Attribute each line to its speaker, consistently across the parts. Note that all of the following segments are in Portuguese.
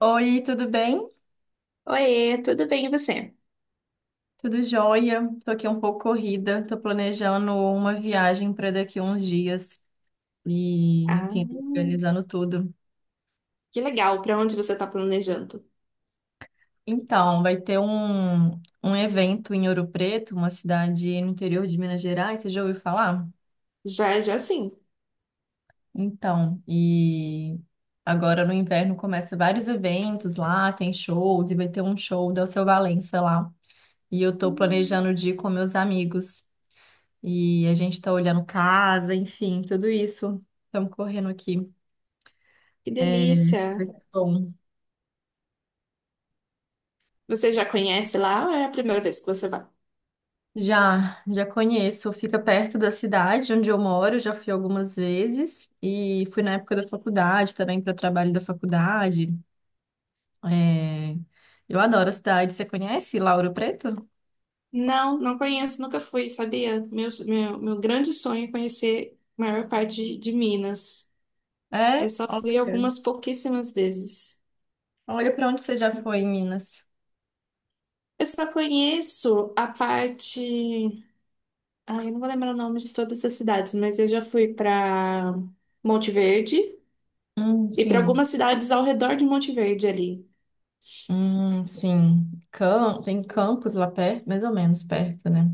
Speaker 1: Oi, tudo bem?
Speaker 2: Oiê, tudo bem e você?
Speaker 1: Tudo jóia? Tô aqui um pouco corrida, tô planejando uma viagem para daqui a uns dias e, enfim, tô
Speaker 2: Ah,
Speaker 1: organizando tudo.
Speaker 2: que legal. Para onde você está planejando?
Speaker 1: Então, vai ter um evento em Ouro Preto, uma cidade no interior de Minas Gerais, você já ouviu falar?
Speaker 2: Já, já sim.
Speaker 1: Então, e agora no inverno começa vários eventos lá, tem shows e vai ter um show do Alceu Valença lá. E eu tô
Speaker 2: Hum,
Speaker 1: planejando de ir com meus amigos. E a gente tá olhando casa, enfim, tudo isso. Estamos correndo aqui.
Speaker 2: Que
Speaker 1: É,
Speaker 2: delícia.
Speaker 1: acho que vai ser bom.
Speaker 2: Você já conhece lá ou é a primeira vez que você vai?
Speaker 1: Já, já conheço. Fica perto da cidade onde eu moro, já fui algumas vezes. E fui na época da faculdade também, para trabalho da faculdade. É, eu adoro a cidade. Você conhece Lauro Preto?
Speaker 2: Não, não conheço, nunca fui, sabia? Meu grande sonho é conhecer a maior parte de Minas. Eu
Speaker 1: É?
Speaker 2: só
Speaker 1: Olha,
Speaker 2: fui algumas pouquíssimas vezes.
Speaker 1: olha para onde você já foi em Minas.
Speaker 2: Eu só conheço a parte. Ah, eu não vou lembrar o nome de todas as cidades, mas eu já fui para Monte Verde. E para algumas
Speaker 1: Sim.
Speaker 2: cidades ao redor de Monte Verde ali.
Speaker 1: Sim. Tem campos lá perto, mais ou menos perto, né?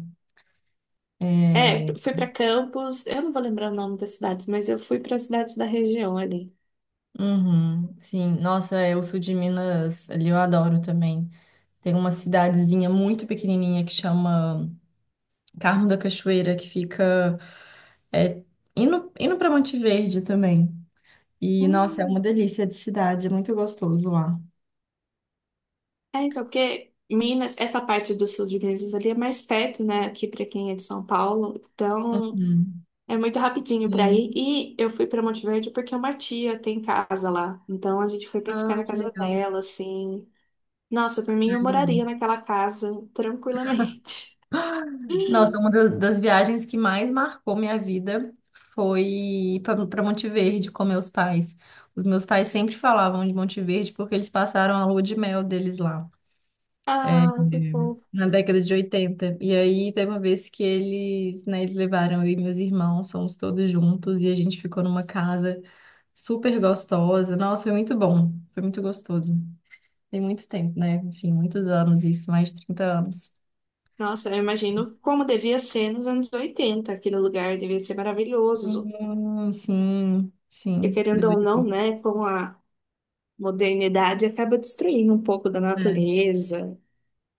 Speaker 2: É,
Speaker 1: É,
Speaker 2: fui para Campos, eu não vou lembrar o nome das cidades, mas eu fui para cidades da região ali.
Speaker 1: uhum, sim. Nossa, é, o sul de Minas, ali eu adoro também. Tem uma cidadezinha muito pequenininha que chama Carmo da Cachoeira, que fica é, indo para Monte Verde também. E, nossa, é uma
Speaker 2: Hum,
Speaker 1: delícia de cidade, é muito gostoso lá.
Speaker 2: É, então, porque Minas, essa parte do sul de Minas ali é mais perto, né, aqui para quem é de São Paulo, então
Speaker 1: Hum,
Speaker 2: é muito rapidinho para ir.
Speaker 1: sim.
Speaker 2: E eu fui para Monte Verde porque uma tia tem casa lá, então a gente foi para
Speaker 1: Ah,
Speaker 2: ficar na
Speaker 1: que
Speaker 2: casa
Speaker 1: legal.
Speaker 2: dela, assim. Nossa,
Speaker 1: Ah,
Speaker 2: por mim eu
Speaker 1: legal.
Speaker 2: moraria naquela casa tranquilamente.
Speaker 1: Nossa, uma das viagens que mais marcou minha vida foi para Monte Verde com meus pais. Os meus pais sempre falavam de Monte Verde porque eles passaram a lua de mel deles lá. É,
Speaker 2: Ah, que fofo.
Speaker 1: na década de 80. E aí tem uma vez que eles, né, eles levaram eu e meus irmãos, fomos todos juntos e a gente ficou numa casa super gostosa. Nossa, foi muito bom, foi muito gostoso. Tem muito tempo, né? Enfim, muitos anos isso, mais de 30 anos.
Speaker 2: Nossa, eu imagino como devia ser nos anos 80 aquele lugar devia ser maravilhoso.
Speaker 1: Sim,
Speaker 2: E
Speaker 1: sim,
Speaker 2: querendo ou
Speaker 1: deveria.
Speaker 2: não, né, com a modernidade acaba destruindo um pouco da
Speaker 1: É.
Speaker 2: natureza.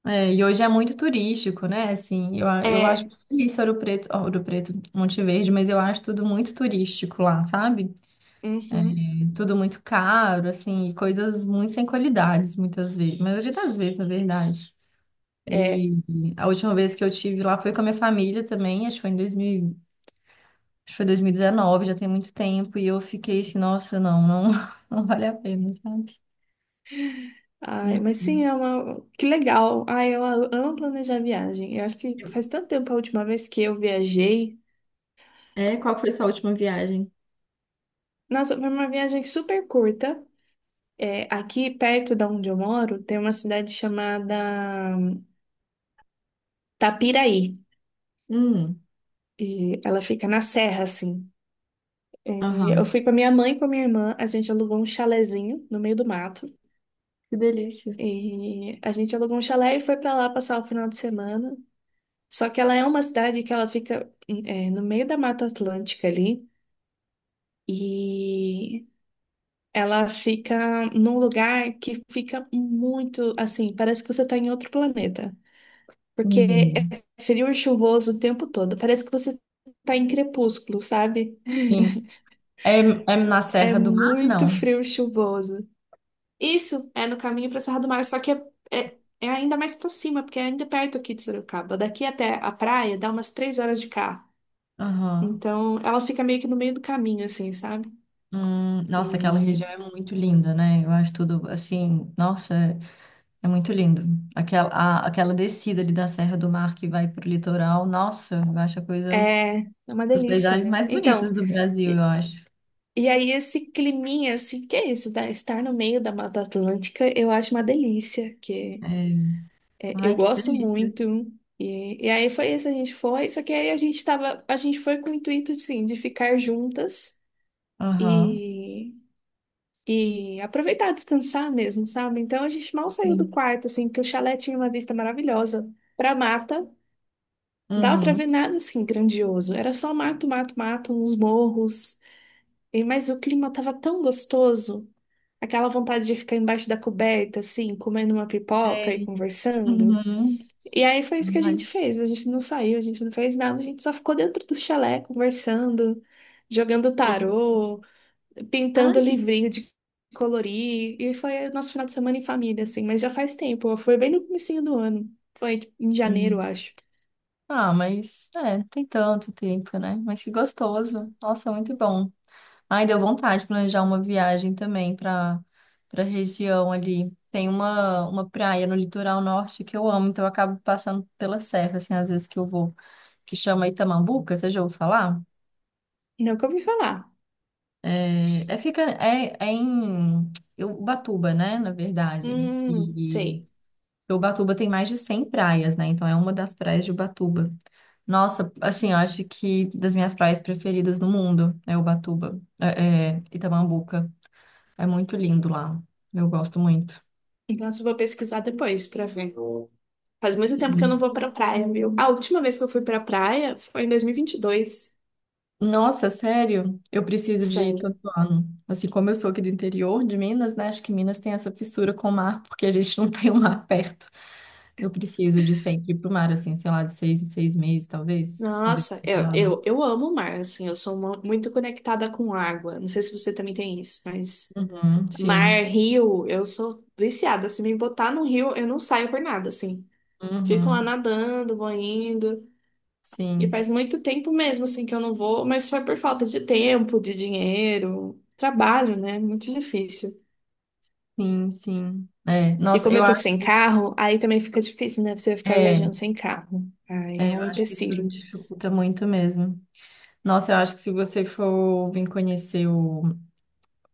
Speaker 1: É, e hoje é muito turístico, né? Assim, eu acho
Speaker 2: É,
Speaker 1: feliz Ouro Preto, Monte Verde, mas eu acho tudo muito turístico lá, sabe?
Speaker 2: uhum,
Speaker 1: Tudo muito caro, assim, e coisas muito sem qualidades, muitas vezes, maioria das vezes, na verdade.
Speaker 2: é.
Speaker 1: E a última vez que eu tive lá foi com a minha família também, acho que foi 2019, já tem muito tempo, e eu fiquei assim, nossa, não, não, não vale a pena, sabe?
Speaker 2: Ai, mas sim,
Speaker 1: Enfim.
Speaker 2: que legal. Ai, eu amo planejar viagem. Eu acho que faz tanto tempo a última vez que eu viajei.
Speaker 1: É, qual foi sua última viagem?
Speaker 2: Nossa, foi uma viagem super curta. É, aqui perto da onde eu moro, tem uma cidade chamada Tapiraí.
Speaker 1: Hum.
Speaker 2: E ela fica na serra, assim. É, eu
Speaker 1: Aham.
Speaker 2: fui com a minha mãe e com a minha irmã, a gente alugou um chalezinho no meio do mato.
Speaker 1: Que delícia.
Speaker 2: E a gente alugou um chalé e foi pra lá passar o final de semana. Só que ela é uma cidade que ela fica no meio da Mata Atlântica ali e ela fica num lugar que fica muito assim, parece que você tá em outro planeta, porque
Speaker 1: Uhum.
Speaker 2: é frio e chuvoso o tempo todo. Parece que você tá em crepúsculo, sabe?
Speaker 1: Sim. É, é na
Speaker 2: É
Speaker 1: Serra do Mar,
Speaker 2: muito
Speaker 1: não?
Speaker 2: frio e chuvoso. Isso é no caminho para Serra do Mar, só que é ainda mais para cima, porque é ainda perto aqui de Sorocaba. Daqui até a praia dá umas 3 horas de carro.
Speaker 1: Aham.
Speaker 2: Então ela fica meio que no meio do caminho, assim, sabe?
Speaker 1: Nossa, aquela
Speaker 2: E
Speaker 1: região é muito linda, né? Eu acho tudo assim, nossa. É muito lindo. Aquela, aquela descida ali da Serra do Mar que vai para o litoral, nossa, eu acho a coisa
Speaker 2: é uma
Speaker 1: dos
Speaker 2: delícia,
Speaker 1: paisagens
Speaker 2: né?
Speaker 1: mais bonitos
Speaker 2: Então,
Speaker 1: do Brasil, eu
Speaker 2: e,
Speaker 1: acho.
Speaker 2: e aí esse climinha, assim, que é isso? Estar no meio da Mata Atlântica, eu acho uma delícia, que
Speaker 1: É.
Speaker 2: eu
Speaker 1: Ai, que
Speaker 2: gosto
Speaker 1: delícia.
Speaker 2: muito. E aí foi isso, a gente foi, só que aí a gente foi com o intuito, assim, de ficar juntas.
Speaker 1: Aham.
Speaker 2: E E aproveitar, descansar mesmo, sabe? Então a gente mal saiu do
Speaker 1: Sim.
Speaker 2: quarto, assim, porque o chalé tinha uma vista maravilhosa pra mata. Dava pra
Speaker 1: Uhum.
Speaker 2: ver nada assim grandioso. Era só mato, mato, mato, uns morros. E, mas o clima tava tão gostoso. Aquela vontade de ficar embaixo da coberta, assim, comendo uma pipoca e
Speaker 1: Sei.
Speaker 2: conversando.
Speaker 1: Uhum.
Speaker 2: E aí foi isso que a
Speaker 1: Ai,
Speaker 2: gente
Speaker 1: que
Speaker 2: fez. A gente não saiu, a gente não fez nada, a gente só ficou dentro do chalé conversando, jogando
Speaker 1: delícia.
Speaker 2: tarô
Speaker 1: Ai,
Speaker 2: pintando
Speaker 1: que.
Speaker 2: livrinho de colorir. E foi o nosso final de semana em família, assim, mas já faz tempo. Foi bem no comecinho do ano. Foi tipo, em janeiro, acho.
Speaker 1: Ah, mas é, tem tanto tempo, né? Mas que gostoso. Nossa, muito bom. Ai, deu vontade de planejar uma viagem também para região ali. Tem uma praia no litoral norte que eu amo, então eu acabo passando pela serra, assim, às vezes que eu vou, que chama Itamambuca, você já ouviu falar?
Speaker 2: Não que eu ouvi falar.
Speaker 1: É em Ubatuba, né, na verdade.
Speaker 2: Sei.
Speaker 1: Ubatuba tem mais de 100 praias, né? Então é uma das praias de Ubatuba. Nossa, assim, eu acho que das minhas praias preferidas no mundo é Ubatuba, Itamambuca. É muito lindo lá. Eu gosto muito.
Speaker 2: Então eu vou pesquisar depois pra ver. Faz muito tempo que eu não
Speaker 1: Sim.
Speaker 2: vou pra praia, viu? A última vez que eu fui pra praia foi em 2022.
Speaker 1: Nossa, sério? Eu preciso de ir
Speaker 2: Sério.
Speaker 1: todo ano. Assim, como eu sou aqui do interior de Minas, né? Acho que Minas tem essa fissura com o mar, porque a gente não tem o mar perto. Eu preciso de sempre ir pro mar, assim, sei lá, de 6 em 6 meses, talvez. Uma vez
Speaker 2: Nossa,
Speaker 1: por
Speaker 2: eu,
Speaker 1: ano.
Speaker 2: eu, eu amo o mar, assim, eu sou muito conectada com água. Não sei se você também tem isso, mas
Speaker 1: Uhum,
Speaker 2: mar,
Speaker 1: sim.
Speaker 2: rio, eu sou viciada. Se me botar no rio, eu não saio por nada, assim. Fico lá
Speaker 1: Uhum.
Speaker 2: nadando, vou indo. E
Speaker 1: Sim,
Speaker 2: faz muito tempo mesmo, assim, que eu não vou, mas foi por falta de tempo, de dinheiro, trabalho, né? Muito difícil.
Speaker 1: sim, sim. É,
Speaker 2: E
Speaker 1: nossa,
Speaker 2: como
Speaker 1: eu
Speaker 2: eu tô
Speaker 1: acho
Speaker 2: sem
Speaker 1: que,
Speaker 2: carro, aí também fica difícil, né? Você ficar
Speaker 1: é,
Speaker 2: viajando sem carro. Aí é
Speaker 1: é, eu
Speaker 2: um
Speaker 1: acho que isso
Speaker 2: empecilho.
Speaker 1: dificulta muito mesmo. Nossa, eu acho que se você for vir conhecer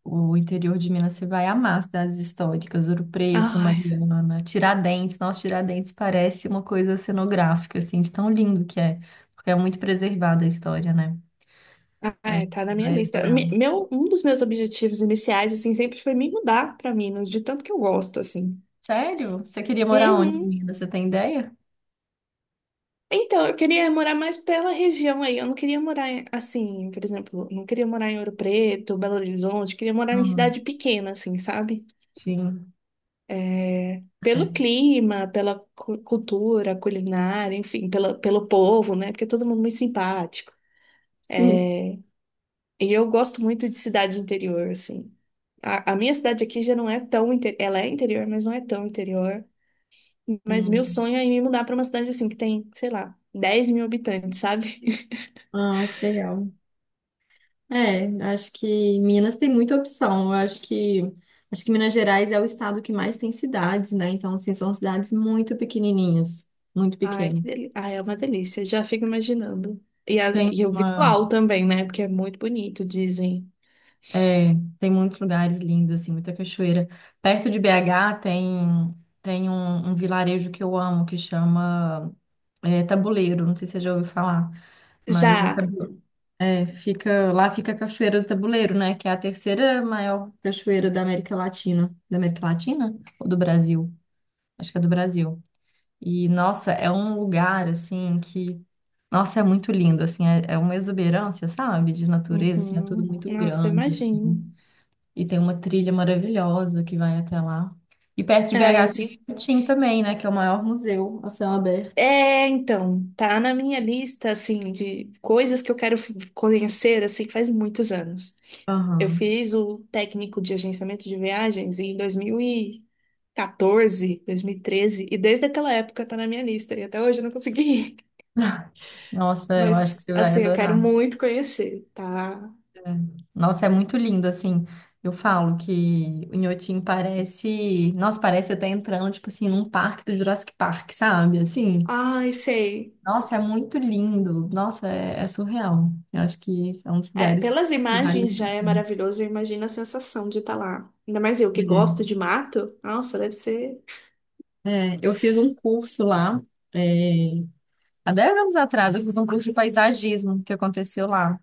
Speaker 1: o interior de Minas, você vai amar as cidades históricas, Ouro Preto,
Speaker 2: Ai,
Speaker 1: Mariana, Tiradentes. Nossa, Tiradentes parece uma coisa cenográfica, assim, de tão lindo que é, porque é muito preservada a história, né? Eu
Speaker 2: ai,
Speaker 1: acho que
Speaker 2: tá
Speaker 1: você
Speaker 2: na minha
Speaker 1: vai
Speaker 2: lista.
Speaker 1: adorar.
Speaker 2: Meu, um dos meus objetivos iniciais, assim, sempre foi me mudar pra Minas, de tanto que eu gosto, assim.
Speaker 1: Sério? Você queria morar onde,
Speaker 2: Uhum.
Speaker 1: Minas? Você tem ideia?
Speaker 2: Então, eu queria morar mais pela região aí. Eu não queria morar assim, por exemplo, não queria morar em Ouro Preto, Belo Horizonte, queria morar em
Speaker 1: Hum,
Speaker 2: cidade pequena, assim, sabe?
Speaker 1: sim.
Speaker 2: É, pelo
Speaker 1: É.
Speaker 2: clima, pela cultura, culinária, enfim, pela, pelo povo, né? Porque é todo mundo muito simpático.
Speaker 1: Sim.
Speaker 2: E eu gosto muito de cidade interior, assim. A minha cidade aqui já não é tão interior, ela é interior, mas não é tão interior. Mas meu
Speaker 1: Hum.
Speaker 2: sonho é me mudar para uma cidade assim que tem, sei lá, 10 mil habitantes, sabe?
Speaker 1: Ah, que legal. É, acho que Minas tem muita opção. Eu acho que Minas Gerais é o estado que mais tem cidades, né? Então, assim, são cidades muito pequenininhas, muito
Speaker 2: Ai, que
Speaker 1: pequeno.
Speaker 2: delícia. Ai, é uma delícia. Já fico imaginando. E,
Speaker 1: Tem
Speaker 2: e o visual
Speaker 1: uma,
Speaker 2: também, né? Porque é muito bonito, dizem.
Speaker 1: é, Tem muitos lugares lindos, assim, muita cachoeira. Perto de BH tem um, vilarejo que eu amo, que chama, é, Tabuleiro, não sei se você já ouviu falar, mas em
Speaker 2: Já.
Speaker 1: Tabu-. É, fica, lá fica a Cachoeira do Tabuleiro, né? Que é a terceira maior cachoeira da América Latina. Da América Latina? Ou do Brasil? Acho que é do Brasil. E, nossa, é um lugar, assim, que... Nossa, é muito lindo, assim. É, é uma exuberância, sabe? De natureza, assim. É tudo
Speaker 2: Uhum.
Speaker 1: muito
Speaker 2: Nossa,
Speaker 1: grande,
Speaker 2: imagino.
Speaker 1: assim. E tem uma trilha maravilhosa que vai até lá. E perto de
Speaker 2: Ai, eu
Speaker 1: BH tem
Speaker 2: sim.
Speaker 1: o Tim também, né? Que é o maior museu a céu aberto.
Speaker 2: É, então, tá na minha lista, assim, de coisas que eu quero conhecer, assim, que faz muitos anos. Eu
Speaker 1: Aham.
Speaker 2: fiz o técnico de agenciamento de viagens em 2014, 2013, e 14, 2013, e desde aquela época tá na minha lista, e até hoje eu não consegui ir.
Speaker 1: Nossa, eu acho que
Speaker 2: Mas,
Speaker 1: você vai
Speaker 2: assim, eu quero
Speaker 1: adorar.
Speaker 2: muito conhecer, tá?
Speaker 1: É. Nossa, é muito lindo, assim. Eu falo que o Inhotim parece. Nossa, parece até entrando, tipo assim, num parque do Jurassic Park, sabe? Assim.
Speaker 2: Ai, sei.
Speaker 1: Nossa, é muito lindo. Nossa, é, é surreal. Eu acho que é um dos
Speaker 2: É,
Speaker 1: lugares
Speaker 2: pelas
Speaker 1: que vale
Speaker 2: imagens já é
Speaker 1: muito a
Speaker 2: maravilhoso, eu imagino a sensação de estar lá. Ainda mais eu que gosto
Speaker 1: pena.
Speaker 2: de mato. Nossa, deve ser.
Speaker 1: É. É, eu fiz um curso lá. É, há 10 anos atrás, eu fiz um curso de paisagismo que aconteceu lá.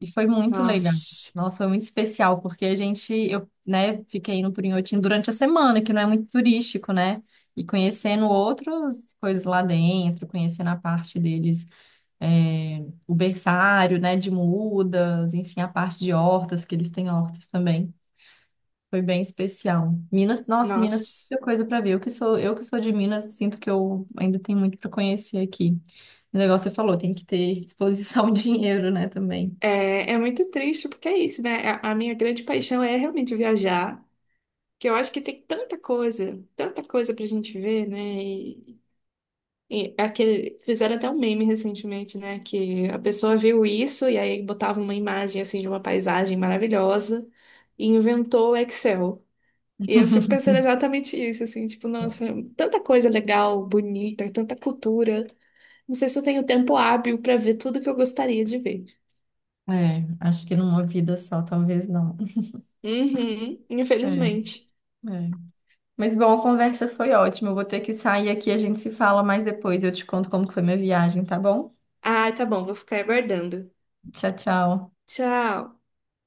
Speaker 1: E foi muito legal.
Speaker 2: Nossa,
Speaker 1: Nossa, foi muito especial, porque a gente, eu, né, fiquei indo por Inhotim durante a semana, que não é muito turístico, né? E conhecendo outras coisas lá dentro, conhecendo a parte deles, é, o berçário, né, de mudas, enfim, a parte de hortas, que eles têm hortas também. Foi bem especial. Minas, nossa, Minas tem
Speaker 2: nossa.
Speaker 1: muita coisa para ver. Eu que sou de Minas, sinto que eu ainda tenho muito para conhecer aqui. O negócio você falou, tem que ter disposição, dinheiro, né, também.
Speaker 2: É muito triste, porque é isso, né? A minha grande paixão é realmente viajar, que eu acho que tem tanta coisa pra gente ver, né? E aquele, fizeram até um meme recentemente, né? Que a pessoa viu isso e aí botava uma imagem assim de uma paisagem maravilhosa e inventou o Excel. E eu fico pensando exatamente isso, assim, tipo, nossa, tanta coisa legal, bonita, tanta cultura. Não sei se eu tenho tempo hábil para ver tudo que eu gostaria de ver.
Speaker 1: É, acho que numa vida só, talvez não.
Speaker 2: Uhum,
Speaker 1: É,
Speaker 2: infelizmente.
Speaker 1: é. Mas bom, a conversa foi ótima. Eu vou ter que sair aqui, a gente se fala mais depois. Eu te conto como que foi minha viagem, tá bom?
Speaker 2: Ai, tá bom, vou ficar aguardando.
Speaker 1: Tchau, tchau.
Speaker 2: Tchau.